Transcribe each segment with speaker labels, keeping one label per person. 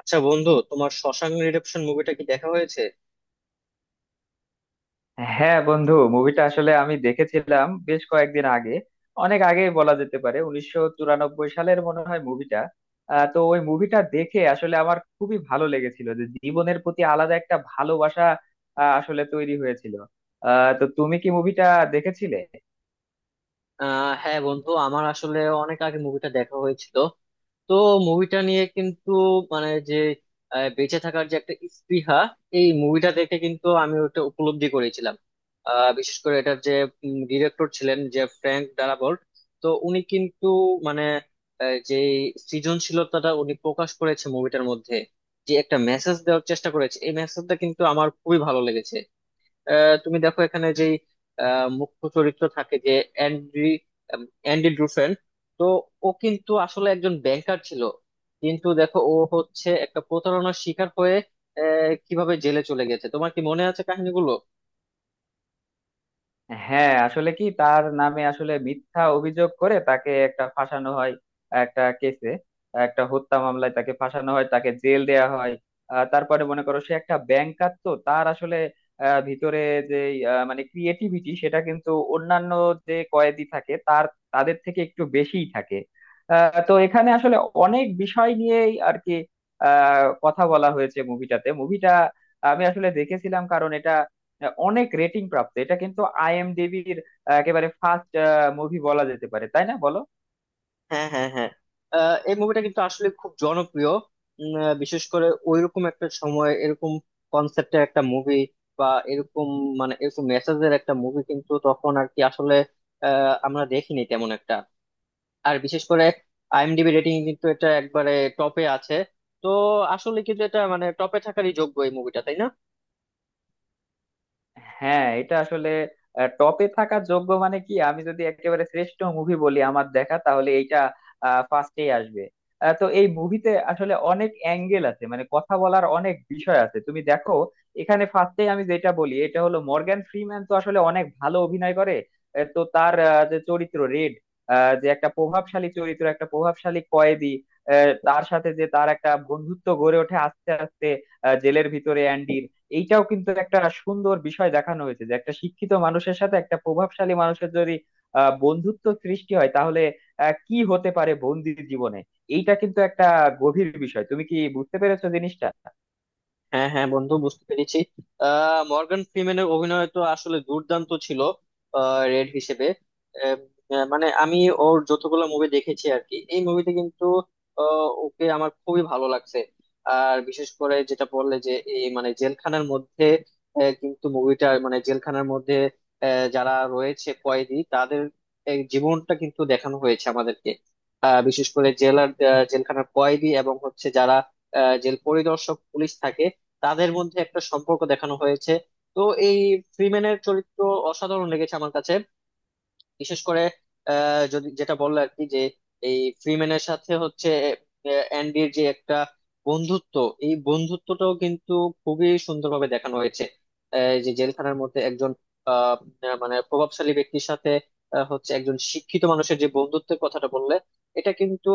Speaker 1: আচ্ছা বন্ধু, তোমার শশাঙ্ক রিডেম্পশন মুভিটা কি দেখা হয়েছে?
Speaker 2: হ্যাঁ বন্ধু, মুভিটা আসলে আমি দেখেছিলাম বেশ কয়েকদিন আগে। অনেক আগেই বলা যেতে পারে, 1994 সালের মনে হয় মুভিটা। তো ওই মুভিটা দেখে আসলে আমার খুবই ভালো লেগেছিল যে জীবনের প্রতি আলাদা একটা ভালোবাসা আসলে তৈরি হয়েছিল। তো তুমি কি মুভিটা দেখেছিলে?
Speaker 1: হ্যাঁ বন্ধু, আমার আসলে অনেক আগে মুভিটা দেখা হয়েছিল। তো মুভিটা নিয়ে কিন্তু মানে যে বেঁচে থাকার যে একটা স্পৃহা, এই মুভিটা দেখে কিন্তু আমি ওটা উপলব্ধি করেছিলাম। বিশেষ করে এটার যে ডিরেক্টর ছিলেন, যে ফ্র্যাঙ্ক ডারাবল্ট। তো উনি কিন্তু মানে যে সৃজনশীলতাটা উনি প্রকাশ করেছে মুভিটার মধ্যে, যে একটা মেসেজ দেওয়ার চেষ্টা করেছে, এই মেসেজটা কিন্তু আমার খুবই ভালো লেগেছে। তুমি দেখো, এখানে যেই মুখ্য চরিত্র থাকে, যে অ্যান্ড্রি, অ্যান্ডি ড্রুফেন, তো ও কিন্তু আসলে একজন ব্যাংকার ছিল। কিন্তু দেখো, ও হচ্ছে একটা প্রতারণার শিকার হয়ে কিভাবে জেলে চলে গেছে, তোমার কি মনে আছে কাহিনীগুলো?
Speaker 2: হ্যাঁ, আসলে কি তার নামে আসলে মিথ্যা অভিযোগ করে তাকে একটা ফাঁসানো হয়, একটা কেসে। একটা হত্যা মামলায় তাকে ফাঁসানো হয়, তাকে জেল দেয়া হয়। তারপরে মনে করো সে একটা ব্যাংকার, তো তার আসলে ভিতরে যে মানে ক্রিয়েটিভিটি, সেটা কিন্তু অন্যান্য যে কয়েদি থাকে তার তাদের থেকে একটু বেশিই থাকে। তো এখানে আসলে অনেক বিষয় নিয়েই আর কি কথা বলা হয়েছে মুভিটাতে। মুভিটা আমি আসলে দেখেছিলাম কারণ এটা অনেক রেটিং প্রাপ্ত। এটা কিন্তু আইএমডিবির একেবারে ফার্স্ট মুভি বলা যেতে পারে, তাই না বলো?
Speaker 1: হ্যাঁ হ্যাঁ হ্যাঁ। এই মুভিটা কিন্তু আসলে খুব জনপ্রিয়। বিশেষ করে ওইরকম একটা সময় এরকম কনসেপ্টের একটা মুভি বা এরকম মানে এরকম মেসেজের একটা মুভি কিন্তু তখন আর কি আসলে আমরা দেখিনি তেমন একটা। আর বিশেষ করে আইএমডিবি রেটিং কিন্তু এটা একবারে টপে আছে। তো আসলে কিন্তু এটা মানে টপে থাকারই যোগ্য এই মুভিটা, তাই না?
Speaker 2: হ্যাঁ, এটা আসলে টপে থাকার যোগ্য। মানে কি, আমি যদি একেবারে শ্রেষ্ঠ মুভি বলি আমার দেখা, তাহলে এইটা ফার্স্টেই আসবে। তো এই মুভিতে আসলে অনেক অ্যাঙ্গেল আছে, মানে কথা বলার অনেক বিষয় আছে। তুমি দেখো, এখানে ফার্স্টেই আমি যেটা বলি এটা হলো মর্গ্যান ফ্রিম্যান তো আসলে অনেক ভালো অভিনয় করে। তো তার যে চরিত্র রেড, যে একটা প্রভাবশালী চরিত্র, একটা প্রভাবশালী কয়েদি, তার সাথে যে তার একটা বন্ধুত্ব গড়ে ওঠে আস্তে আস্তে জেলের ভিতরে অ্যান্ডি। এইটাও কিন্তু একটা সুন্দর বিষয় দেখানো হয়েছে, যে একটা শিক্ষিত মানুষের সাথে একটা প্রভাবশালী মানুষের যদি বন্ধুত্ব সৃষ্টি হয় তাহলে কি হতে পারে বন্দির জীবনে। এইটা কিন্তু একটা গভীর বিষয়। তুমি কি বুঝতে পেরেছো জিনিসটা?
Speaker 1: হ্যাঁ হ্যাঁ বন্ধু, বুঝতে পেরেছি। মর্গান ফ্রিম্যানের অভিনয় তো আসলে দুর্দান্ত ছিল রেড হিসেবে। আহ, আহ, মানে আমি ওর যতগুলো মুভি দেখেছি আর কি, এই মুভিতে কিন্তু ওকে আমার খুবই ভালো লাগছে। আর বিশেষ করে যেটা বললে যে এই মানে জেলখানার মধ্যে, কিন্তু মুভিটা মানে জেলখানার মধ্যে যারা রয়েছে কয়েদি, তাদের এই জীবনটা কিন্তু দেখানো হয়েছে আমাদেরকে। বিশেষ করে জেলার জেলখানার কয়েদি এবং হচ্ছে যারা জেল পরিদর্শক পুলিশ থাকে, তাদের মধ্যে একটা সম্পর্ক দেখানো হয়েছে। তো এই ফ্রিম্যানের চরিত্র অসাধারণ লেগেছে আমার কাছে। বিশেষ করে যদি যেটা বললো আর কি, যে এই ফ্রিম্যানের সাথে হচ্ছে অ্যান্ডির যে একটা বন্ধুত্ব, এই বন্ধুত্বটাও কিন্তু খুবই সুন্দরভাবে দেখানো হয়েছে। যে জেলখানার মধ্যে একজন আহ, আহ, মানে প্রভাবশালী ব্যক্তির সাথে হচ্ছে একজন শিক্ষিত মানুষের যে বন্ধুত্বের কথাটা বললে, এটা কিন্তু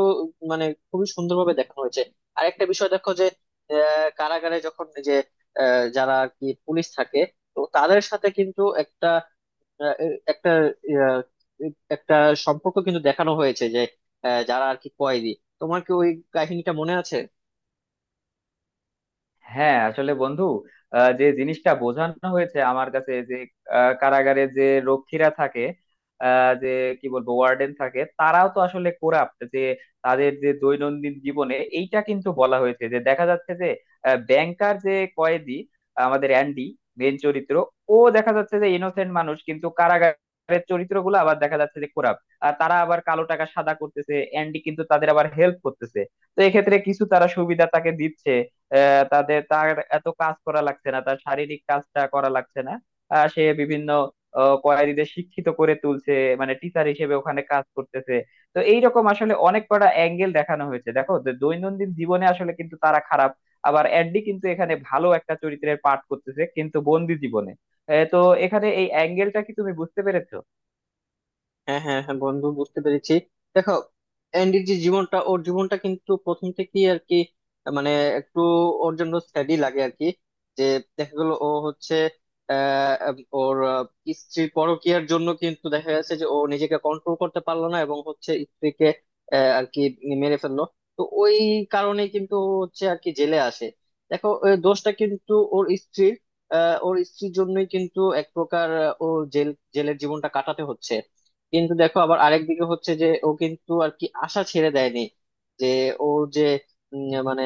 Speaker 1: মানে খুবই সুন্দরভাবে দেখানো হয়েছে। আর একটা বিষয় দেখো, যে কারাগারে যখন যে যারা আর কি পুলিশ থাকে, তো তাদের সাথে কিন্তু একটা আহ, এ- একটা আহ, এ- একটা সম্পর্ক কিন্তু দেখানো হয়েছে, যে যারা আর কি কয়েদি, তোমার কি ওই কাহিনীটা মনে আছে?
Speaker 2: হ্যাঁ, আসলে বন্ধু যে জিনিসটা বোঝানো হয়েছে আমার কাছে যে কারাগারে যে রক্ষীরা থাকে, আহ, যে কি বলবো, ওয়ার্ডেন থাকে, তারাও তো আসলে কোরাপ্ট। যে তাদের যে দৈনন্দিন জীবনে এইটা কিন্তু বলা হয়েছে, যে দেখা যাচ্ছে যে ব্যাংকার যে কয়েদি আমাদের অ্যান্ডি, মেন চরিত্র, ও দেখা যাচ্ছে যে ইনোসেন্ট মানুষ, কিন্তু কারাগারের চরিত্রগুলো আবার দেখা যাচ্ছে যে কোরাপ্ট। আর তারা আবার কালো টাকা সাদা করতেছে, অ্যান্ডি কিন্তু তাদের আবার হেল্প করতেছে। তো এক্ষেত্রে কিছু তারা সুবিধা তাকে দিচ্ছে। আহ, তাদের তার এত কাজ করা লাগছে না, তার শারীরিক কাজটা করা লাগছে না। সে বিভিন্ন কয়েদিদের শিক্ষিত করে তুলছে, মানে টিচার হিসেবে ওখানে কাজ করতেছে। তো এইরকম আসলে অনেক কটা অ্যাঙ্গেল দেখানো হয়েছে। দেখো, যে দৈনন্দিন জীবনে আসলে কিন্তু তারা খারাপ, আবার অ্যাডলি কিন্তু এখানে ভালো একটা চরিত্রের পাঠ করতেছে কিন্তু বন্দি জীবনে। তো এখানে এই অ্যাঙ্গেলটা কি তুমি বুঝতে পেরেছো?
Speaker 1: হ্যাঁ হ্যাঁ হ্যাঁ বন্ধু, বুঝতে পেরেছি। দেখো, অ্যান্ডির যে জীবনটা, ওর জীবনটা কিন্তু প্রথম থেকেই আর কি মানে একটু ওর জন্য স্টাডি লাগে আর কি। যে দেখা গেল, ও হচ্ছে আহ, ওর স্ত্রীর পরকীয়ার জন্য কিন্তু দেখা গেছে যে ও নিজেকে কন্ট্রোল করতে পারলো না এবং হচ্ছে স্ত্রীকে আর কি মেরে ফেললো। তো ওই কারণে কিন্তু ও হচ্ছে আর কি জেলে আসে। দেখো, ওই দোষটা কিন্তু ওর স্ত্রীর, ওর স্ত্রীর জন্যই কিন্তু এক প্রকার ও জেল জেলের জীবনটা কাটাতে হচ্ছে। কিন্তু দেখো, আবার আরেক দিকে হচ্ছে যে ও কিন্তু আর কি আশা ছেড়ে দেয়নি। যে ও যে মানে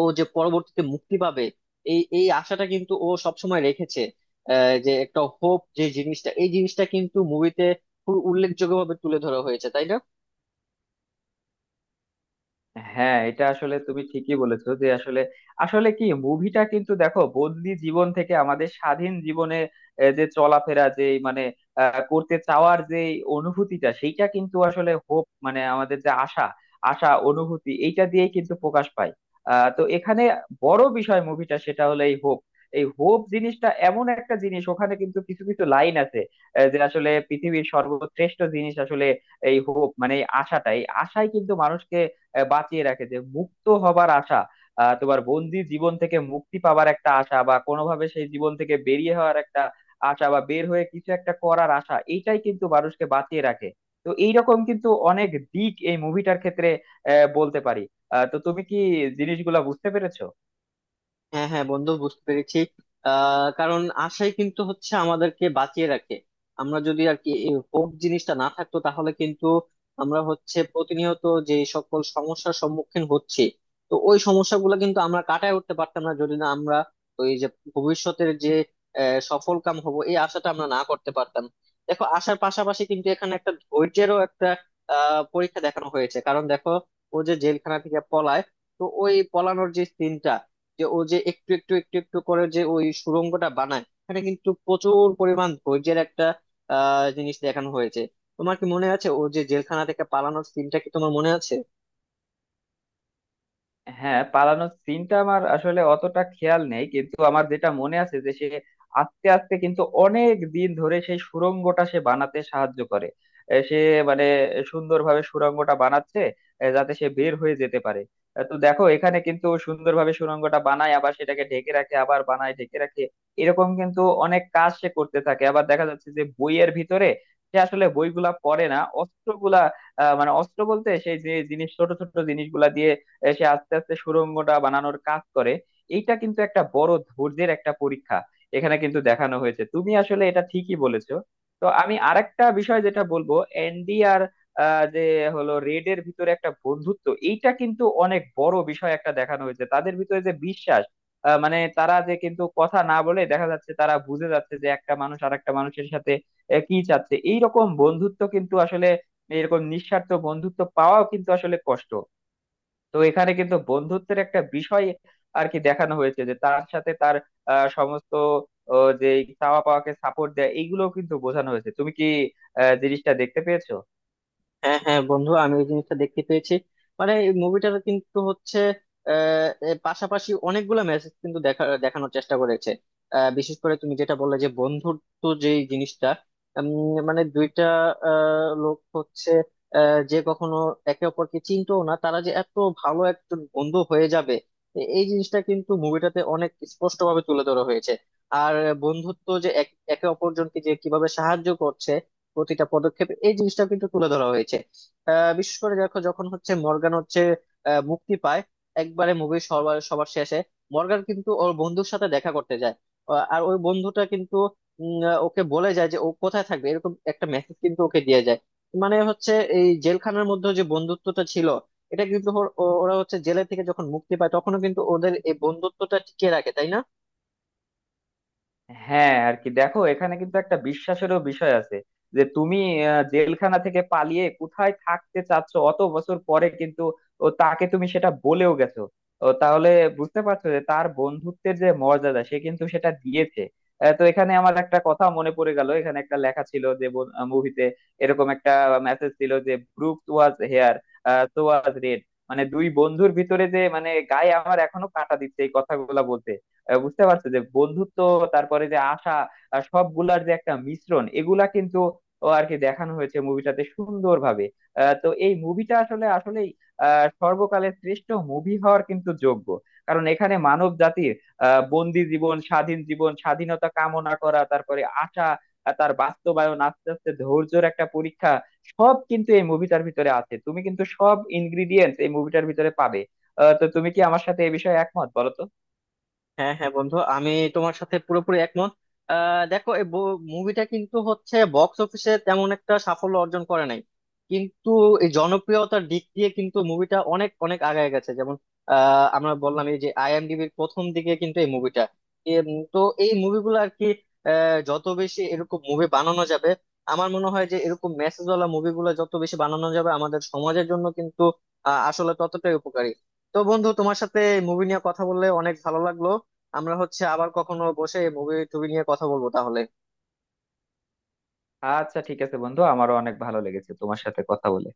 Speaker 1: ও যে পরবর্তীতে মুক্তি পাবে, এই এই আশাটা কিন্তু ও সবসময় রেখেছে। যে একটা হোপ যে জিনিসটা, এই জিনিসটা কিন্তু মুভিতে খুব উল্লেখযোগ্যভাবে তুলে ধরা হয়েছে, তাই না?
Speaker 2: হ্যাঁ, এটা আসলে তুমি ঠিকই বলেছো। যে আসলে আসলে কি মুভিটা কিন্তু দেখো বন্দি জীবন থেকে আমাদের স্বাধীন জীবনে যে চলাফেরা, যে মানে করতে চাওয়ার যে অনুভূতিটা, সেইটা কিন্তু আসলে হোপ, মানে আমাদের যে আশা, আশা অনুভূতি, এইটা দিয়েই কিন্তু প্রকাশ পায়। তো এখানে বড় বিষয় মুভিটা সেটা হলো এই হোপ। এই হোপ জিনিসটা এমন একটা জিনিস, ওখানে কিন্তু কিছু কিছু লাইন আছে যে আসলে পৃথিবীর সর্বশ্রেষ্ঠ জিনিস আসলে এই হোপ, মানে এই আশাটাই, আশাই কিন্তু মানুষকে বাঁচিয়ে রাখে। যে মুক্ত হবার আশা, তোমার বন্দি জীবন থেকে মুক্তি পাবার একটা আশা, বা কোনোভাবে সেই জীবন থেকে বেরিয়ে হওয়ার একটা আশা, বা বের হয়ে কিছু একটা করার আশা, এইটাই কিন্তু মানুষকে বাঁচিয়ে রাখে। তো এইরকম কিন্তু অনেক দিক এই মুভিটার ক্ষেত্রে বলতে পারি। তো তুমি কি জিনিসগুলা বুঝতে পেরেছো?
Speaker 1: হ্যাঁ হ্যাঁ বন্ধু, বুঝতে পেরেছি। কারণ আশাই কিন্তু হচ্ছে আমাদেরকে বাঁচিয়ে রাখে। আমরা যদি আর কি এই হোপ জিনিসটা না থাকতো তাহলে কিন্তু আমরা হচ্ছে প্রতিনিয়ত যে সকল সমস্যার সম্মুখীন হচ্ছি, তো ওই সমস্যাগুলো কিন্তু আমরা কাটায় উঠতে পারতাম না, যদি না আমরা ওই যে ভবিষ্যতের যে সফল কাম হব এই আশাটা আমরা না করতে পারতাম। দেখো, আশার পাশাপাশি কিন্তু এখানে একটা ধৈর্যেরও একটা পরীক্ষা দেখানো হয়েছে। কারণ দেখো, ও যে জেলখানা থেকে পলায়, তো ওই পলানোর যে সিনটা, যে ও যে একটু একটু একটু একটু করে যে ওই সুড়ঙ্গটা বানায়, এখানে কিন্তু প্রচুর পরিমাণ ধৈর্যের একটা জিনিস দেখানো হয়েছে। তোমার কি মনে আছে ও যে জেলখানা থেকে পালানোর সিনটা, কি তোমার মনে আছে?
Speaker 2: হ্যাঁ, পালানোর সিনটা আমার আসলে অতটা খেয়াল নেই, কিন্তু আমার যেটা মনে আছে যে সে আস্তে আস্তে কিন্তু অনেক দিন ধরে সেই সুড়ঙ্গটা সে বানাতে সাহায্য করে। সে মানে সুন্দরভাবে সুড়ঙ্গটা বানাচ্ছে, যাতে সে বের হয়ে যেতে পারে। তো দেখো, এখানে কিন্তু সুন্দরভাবে সুড়ঙ্গটা বানায়, আবার সেটাকে ঢেকে রাখে, আবার বানায়, ঢেকে রাখে। এরকম কিন্তু অনেক কাজ সে করতে থাকে। আবার দেখা যাচ্ছে যে বইয়ের ভিতরে সে আসলে বইগুলা পড়ে না, অস্ত্রগুলা মানে অস্ত্র বলতে সেই যে জিনিস, ছোট ছোট জিনিসগুলা সে আস্তে আস্তে সুড়ঙ্গটা বানানোর কাজ করে। এইটা কিন্তু একটা বড় ধৈর্যের একটা পরীক্ষা এখানে কিন্তু দেখানো হয়েছে। তুমি আসলে এটা ঠিকই বলেছো। তো আমি আরেকটা বিষয় যেটা বলবো, এনডি আর আহ, যে হলো রেড এর ভিতরে একটা বন্ধুত্ব, এইটা কিন্তু অনেক বড় বিষয় একটা দেখানো হয়েছে। তাদের ভিতরে যে বিশ্বাস, মানে তারা যে কিন্তু কথা না বলে দেখা যাচ্ছে তারা বুঝে যাচ্ছে যে একটা মানুষ আর একটা মানুষের সাথে কি চাচ্ছে, এইরকম বন্ধুত্ব কিন্তু আসলে এরকম নিঃস্বার্থ বন্ধুত্ব পাওয়াও কিন্তু আসলে কষ্ট। তো এখানে কিন্তু বন্ধুত্বের একটা বিষয় আর কি দেখানো হয়েছে, যে তার সাথে তার আহ, সমস্ত ও, যে চাওয়া পাওয়াকে সাপোর্ট দেয়। এইগুলো কিন্তু বোঝানো হয়েছে। তুমি কি জিনিসটা দেখতে পেয়েছো?
Speaker 1: হ্যাঁ হ্যাঁ বন্ধু, আমি ওই জিনিসটা দেখতে পেয়েছি। মানে এই মুভিটাতে কিন্তু হচ্ছে এর পাশাপাশি অনেকগুলো মেসেজ কিন্তু দেখানোর চেষ্টা করেছে। বিশেষ করে তুমি যেটা বললে যে বন্ধুত্ব যে জিনিসটা, মানে দুইটা লোক হচ্ছে যে কখনো একে অপরকে চিনতো না, তারা যে এত ভালো একজন বন্ধু হয়ে যাবে, এই জিনিসটা কিন্তু মুভিটাতে অনেক স্পষ্ট ভাবে তুলে ধরা হয়েছে। আর বন্ধুত্ব যে একে অপরজনকে যে কিভাবে সাহায্য করছে প্রতিটা পদক্ষেপ, এই জিনিসটা কিন্তু তুলে ধরা হয়েছে। বিশেষ করে দেখো, যখন হচ্ছে মর্গান হচ্ছে মুক্তি পায় একবারে মুভির সবার সবার শেষে, মর্গান কিন্তু ওর বন্ধুর সাথে দেখা করতে যায়। আর ওই বন্ধুটা কিন্তু ওকে বলে যায় যে ও কোথায় থাকবে, এরকম একটা মেসেজ কিন্তু ওকে দিয়ে যায়। মানে হচ্ছে এই জেলখানার মধ্যে যে বন্ধুত্বটা ছিল, এটা কিন্তু ওরা হচ্ছে জেলে থেকে যখন মুক্তি পায় তখনও কিন্তু ওদের এই বন্ধুত্বটা টিকিয়ে রাখে, তাই না?
Speaker 2: হ্যাঁ, আর কি দেখো, এখানে কিন্তু একটা বিশ্বাসেরও বিষয় আছে। যে তুমি জেলখানা থেকে পালিয়ে কোথায় থাকতে চাচ্ছ অত বছর পরে, কিন্তু ও তাকে তুমি সেটা বলেও গেছো। ও তাহলে বুঝতে পারছো যে তার বন্ধুত্বের যে মর্যাদা সে কিন্তু সেটা দিয়েছে। তো এখানে আমার একটা কথা মনে পড়ে গেল, এখানে একটা লেখা ছিল যে মুভিতে এরকম একটা মেসেজ ছিল যে Brook was here, so was Red. মানে দুই বন্ধুর ভিতরে যে মানে গায়ে আমার এখনো কাঁটা দিচ্ছে এই কথাগুলো বলতে। বুঝতে পারছো যে বন্ধুত্ব, তারপরে যে আশা, আর সবগুলার যে একটা মিশ্রণ, এগুলা কিন্তু ও আর কি দেখানো হয়েছে মুভিটাতে সুন্দরভাবে। তো এই মুভিটা আসলে আসলেই সর্বকালের শ্রেষ্ঠ মুভি হওয়ার কিন্তু যোগ্য, কারণ এখানে মানব জাতির বন্দি জীবন, স্বাধীন জীবন, স্বাধীনতা কামনা করা, তারপরে আশা আর তার বাস্তবায়ন, আস্তে আস্তে ধৈর্যের একটা পরীক্ষা, সব কিন্তু এই মুভিটার ভিতরে আছে। তুমি কিন্তু সব ইনগ্রিডিয়েন্টস এই মুভিটার ভিতরে পাবে। তো তুমি কি আমার সাথে এই বিষয়ে একমত বলো তো?
Speaker 1: হ্যাঁ হ্যাঁ বন্ধু, আমি তোমার সাথে পুরোপুরি একমত। দেখো, এই মুভিটা কিন্তু হচ্ছে বক্স অফিসে তেমন একটা সাফল্য অর্জন করে নাই, কিন্তু এই জনপ্রিয়তার দিক দিয়ে কিন্তু মুভিটা অনেক অনেক আগায় গেছে। যেমন আমরা বললাম, এই যে আইএমডিবির প্রথম দিকে কিন্তু এই মুভিটা। তো এই মুভিগুলো আর কি যত বেশি এরকম মুভি বানানো যাবে, আমার মনে হয় যে এরকম মেসেজ ওয়ালা মুভিগুলো যত বেশি বানানো যাবে, আমাদের সমাজের জন্য কিন্তু আসলে ততটাই উপকারী। তো বন্ধু, তোমার সাথে মুভি নিয়ে কথা বললে অনেক ভালো লাগলো। আমরা হচ্ছে আবার কখনো বসে মুভি টুভি নিয়ে কথা বলবো তাহলে।
Speaker 2: আচ্ছা, ঠিক আছে বন্ধু, আমারও অনেক ভালো লেগেছে তোমার সাথে কথা বলে।